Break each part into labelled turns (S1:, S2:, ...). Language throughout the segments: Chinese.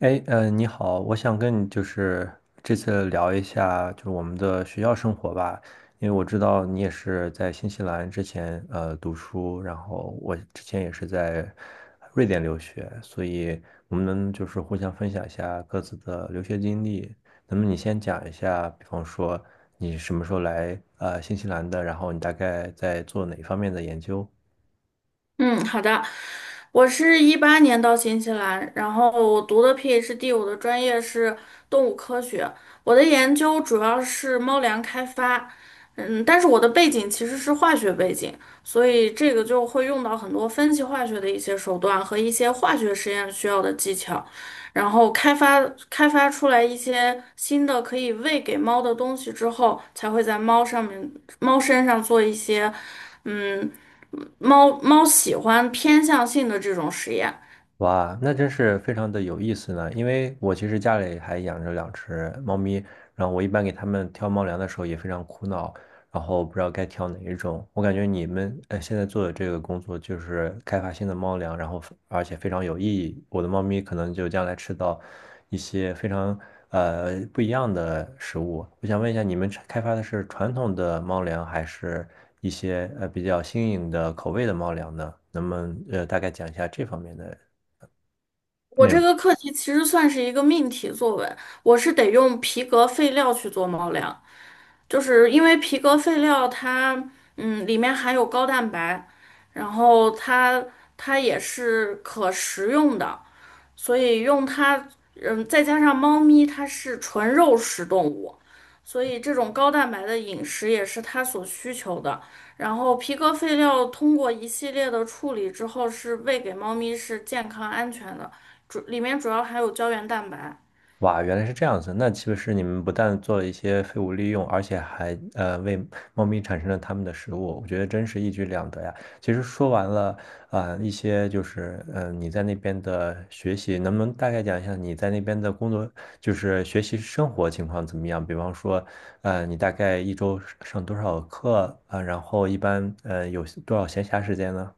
S1: 哎，你好，我想跟你就是这次聊一下，就是我们的学校生活吧，因为我知道你也是在新西兰之前读书，然后我之前也是在瑞典留学，所以我们能就是互相分享一下各自的留学经历。那么你先讲一下，比方说你什么时候来新西兰的，然后你大概在做哪方面的研究？
S2: 嗯，好的。我是2018年到新西兰，然后我读的 PhD，我的专业是动物科学，我的研究主要是猫粮开发。但是我的背景其实是化学背景，所以这个就会用到很多分析化学的一些手段和一些化学实验需要的技巧，然后开发出来一些新的可以喂给猫的东西之后，才会在猫身上做一些，嗯。猫猫喜欢偏向性的这种实验。
S1: 哇，那真是非常的有意思呢。因为我其实家里还养着两只猫咪，然后我一般给它们挑猫粮的时候也非常苦恼，然后不知道该挑哪一种。我感觉你们现在做的这个工作就是开发新的猫粮，然后而且非常有意义。我的猫咪可能就将来吃到一些非常不一样的食物。我想问一下，你们开发的是传统的猫粮，还是一些比较新颖的口味的猫粮呢？能不能大概讲一下这方面的
S2: 我
S1: 内容。
S2: 这个课题其实算是一个命题作文，我是得用皮革废料去做猫粮，就是因为皮革废料它里面含有高蛋白，然后它也是可食用的，所以用它，再加上猫咪它是纯肉食动物，所以这种高蛋白的饮食也是它所需求的。然后皮革废料通过一系列的处理之后，是喂给猫咪是健康安全的，里面主要含有胶原蛋白。
S1: 哇，原来是这样子。那岂不是你们不但做了一些废物利用，而且还为猫咪产生了它们的食物，我觉得真是一举两得呀。其实说完了一些就是你在那边的学习，能不能大概讲一下你在那边的工作，就是学习生活情况怎么样？比方说，你大概一周上多少课然后一般有多少闲暇时间呢？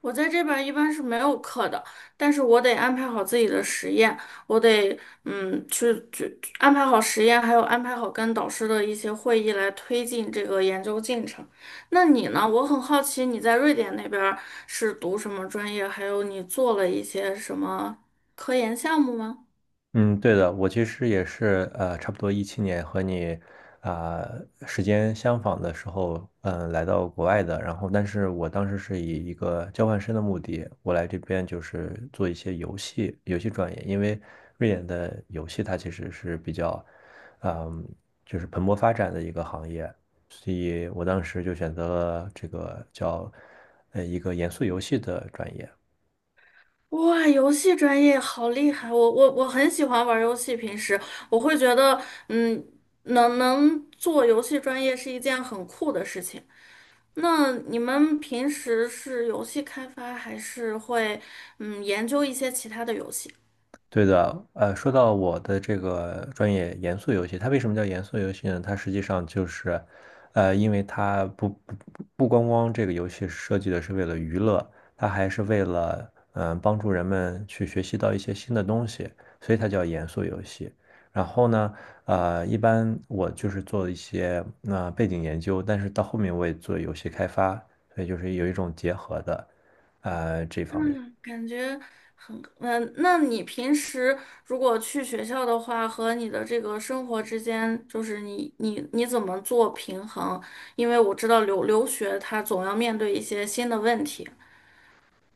S2: 我在这边儿一般是没有课的，但是我得安排好自己的实验，我得去安排好实验，还有安排好跟导师的一些会议来推进这个研究进程。那你呢？我很好奇你在瑞典那边儿是读什么专业，还有你做了一些什么科研项目吗？
S1: 嗯，对的，我其实也是，差不多2017年和你啊、时间相仿的时候，来到国外的。然后，但是我当时是以一个交换生的目的，我来这边就是做一些游戏专业，因为瑞典的游戏它其实是比较，嗯，就是蓬勃发展的一个行业，所以我当时就选择了这个叫一个严肃游戏的专业。
S2: 哇，游戏专业好厉害！我很喜欢玩游戏，平时我会觉得嗯能做游戏专业是一件很酷的事情。那你们平时是游戏开发，还是会研究一些其他的游戏？
S1: 对的，说到我的这个专业严肃游戏，它为什么叫严肃游戏呢？它实际上就是，因为它不光光这个游戏设计的是为了娱乐，它还是为了帮助人们去学习到一些新的东西，所以它叫严肃游戏。然后呢，一般我就是做一些背景研究，但是到后面我也做游戏开发，所以就是有一种结合的，这方面。
S2: 嗯，感觉很嗯。那你平时如果去学校的话，和你的这个生活之间，就是你怎么做平衡？因为我知道留学他总要面对一些新的问题。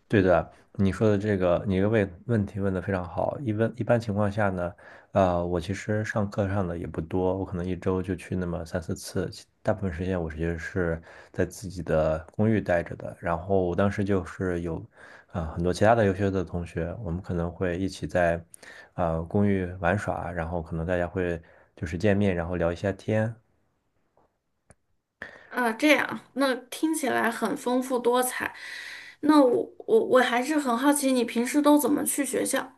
S1: 对的，你说的这个，你个问问题问的非常好。一般情况下呢，我其实上课上的也不多，我可能一周就去那么三四次，其大部分时间我其实是在自己的公寓待着的。然后我当时就是有，很多其他的优秀的同学，我们可能会一起在，公寓玩耍，然后可能大家会就是见面，然后聊一下天。
S2: 啊，这样，那听起来很丰富多彩。那我还是很好奇，你平时都怎么去学校？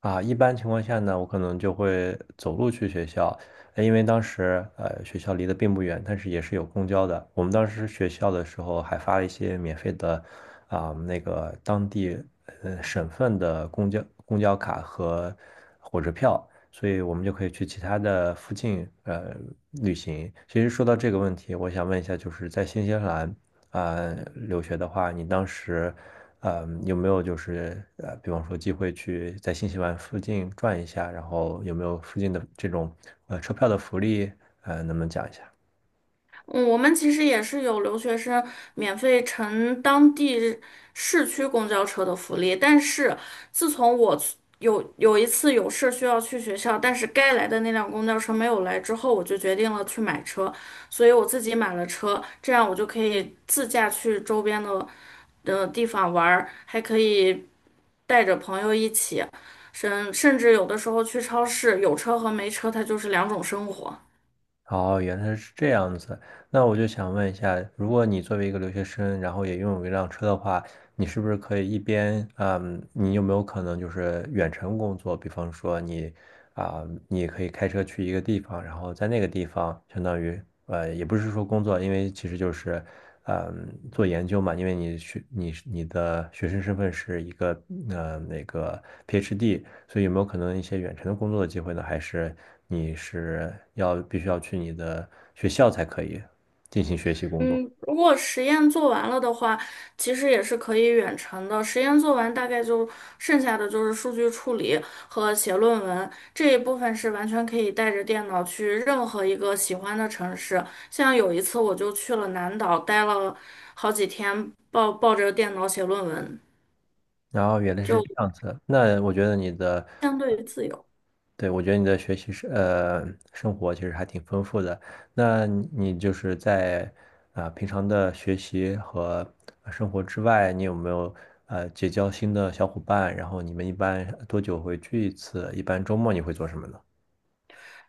S1: 啊，一般情况下呢，我可能就会走路去学校，因为当时学校离得并不远，但是也是有公交的。我们当时学校的时候还发了一些免费的那个当地省份的公交卡和火车票，所以我们就可以去其他的附近旅行。其实说到这个问题，我想问一下，就是在新西兰留学的话，你当时有没有就是比方说机会去在新西兰附近转一下，然后有没有附近的这种车票的福利，能不能讲一下？
S2: 嗯，我们其实也是有留学生免费乘当地市区公交车的福利，但是自从我去有一次有事需要去学校，但是该来的那辆公交车没有来之后，我就决定了去买车，所以我自己买了车，这样我就可以自驾去周边的地方玩儿，还可以带着朋友一起，甚至有的时候去超市，有车和没车，它就是两种生活。
S1: 哦，原来是这样子。那我就想问一下，如果你作为一个留学生，然后也拥有一辆车的话，你是不是可以一边，你有没有可能就是远程工作？比方说啊、你也可以开车去一个地方，然后在那个地方，相当于也不是说工作，因为其实就是，做研究嘛，因为你是你的学生身份是一个呃那个 PhD，所以有没有可能一些远程的工作的机会呢？还是你是要必须要去你的学校才可以进行学习工作？
S2: 嗯，如果实验做完了的话，其实也是可以远程的。实验做完，大概就剩下的就是数据处理和写论文这一部分是完全可以带着电脑去任何一个喜欢的城市。像有一次我就去了南岛，待了好几天，抱着电脑写论文，
S1: 然后原来是
S2: 就
S1: 这样子，那我觉得你的。
S2: 相对于自由。
S1: 对，我觉得你的学习是生活其实还挺丰富的。那你就是在平常的学习和生活之外，你有没有结交新的小伙伴？然后你们一般多久会聚一次？一般周末你会做什么呢？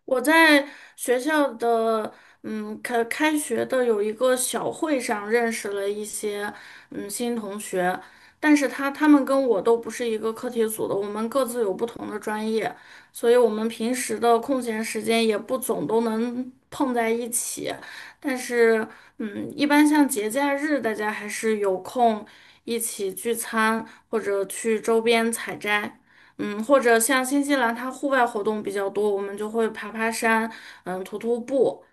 S2: 我在学校的，嗯，开学的有一个小会上认识了一些，嗯，新同学，但是他们跟我都不是一个课题组的，我们各自有不同的专业，所以我们平时的空闲时间也不总都能碰在一起，但是，嗯，一般像节假日，大家还是有空一起聚餐或者去周边采摘。嗯，或者像新西兰，它户外活动比较多，我们就会爬爬山，嗯，徒步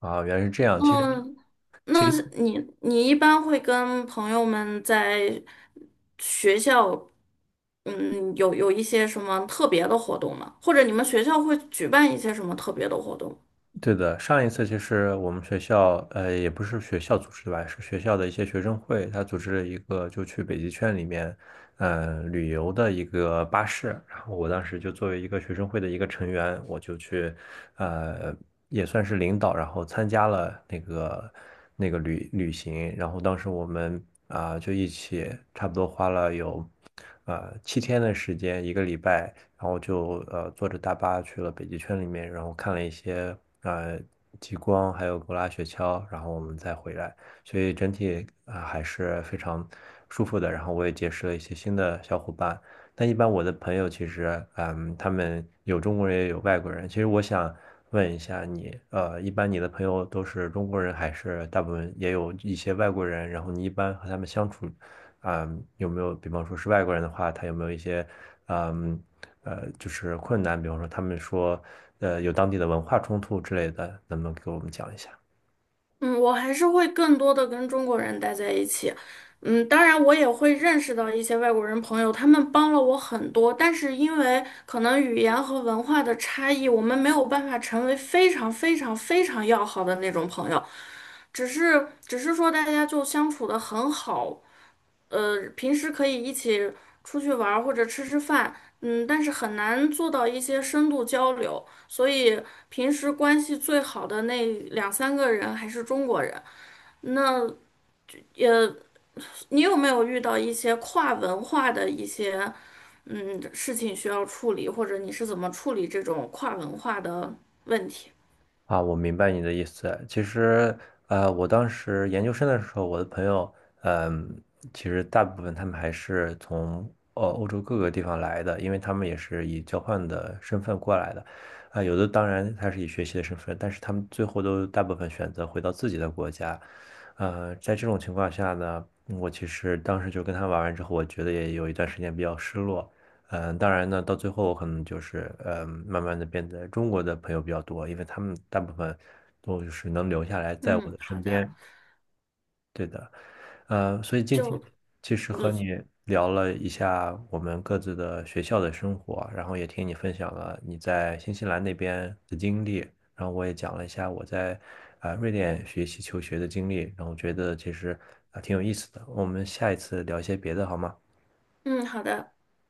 S1: 啊，原来是这样。其实
S2: 那，
S1: 其
S2: 那
S1: 实
S2: 是你你一般会跟朋友们在学校，嗯，有一些什么特别的活动吗？或者你们学校会举办一些什么特别的活动吗？
S1: 对的，上一次其实我们学校也不是学校组织的吧，是学校的一些学生会，他组织了一个就去北极圈里面旅游的一个巴士。我当时就作为一个学生会的一个成员，我就去，呃，也算是领导，然后参加了那个旅行。然后当时我们就一起差不多花了有7天的时间，一个礼拜，然后就坐着大巴去了北极圈里面，然后看了一些呃极光，还有狗拉雪橇，然后我们再回来。所以整体还是非常舒服的。然后我也结识了一些新的小伙伴，但一般我的朋友其实，他们有中国人也有外国人。其实我想问一下你，一般你的朋友都是中国人，还是大部分也有一些外国人？然后你一般和他们相处，有没有，比方说是外国人的话，他有没有一些，嗯，就是困难？比方说他们说，有当地的文化冲突之类的，能不能给我们讲一下？
S2: 嗯，我还是会更多的跟中国人待在一起。嗯，当然我也会认识到一些外国人朋友，他们帮了我很多，但是因为可能语言和文化的差异，我们没有办法成为非常非常非常要好的那种朋友，只是说大家就相处的很好，平时可以一起出去玩儿或者吃吃饭，嗯，但是很难做到一些深度交流，所以平时关系最好的那两三个人还是中国人。那你有没有遇到一些跨文化的一些事情需要处理，或者你是怎么处理这种跨文化的问题？
S1: 啊，我明白你的意思。其实，我当时研究生的时候，我的朋友，嗯，其实大部分他们还是从欧洲各个地方来的，因为他们也是以交换的身份过来的。有的当然他是以学习的身份，但是他们最后都大部分选择回到自己的国家。在这种情况下呢，我其实当时就跟他玩完之后，我觉得也有一段时间比较失落。当然呢，到最后我可能就是慢慢的变得中国的朋友比较多，因为他们大部分都就是能留下来在我
S2: 嗯，
S1: 的
S2: 好
S1: 身
S2: 的，
S1: 边。对。所以今天
S2: 就
S1: 其实和你聊了一下我们各自的学校的生活，然后也听你分享了你在新西兰那边的经历，然后我也讲了一下我在瑞典学习求学的经历，然后觉得其实挺有意思的。我们下一次聊一些别的好吗？
S2: 嗯好的。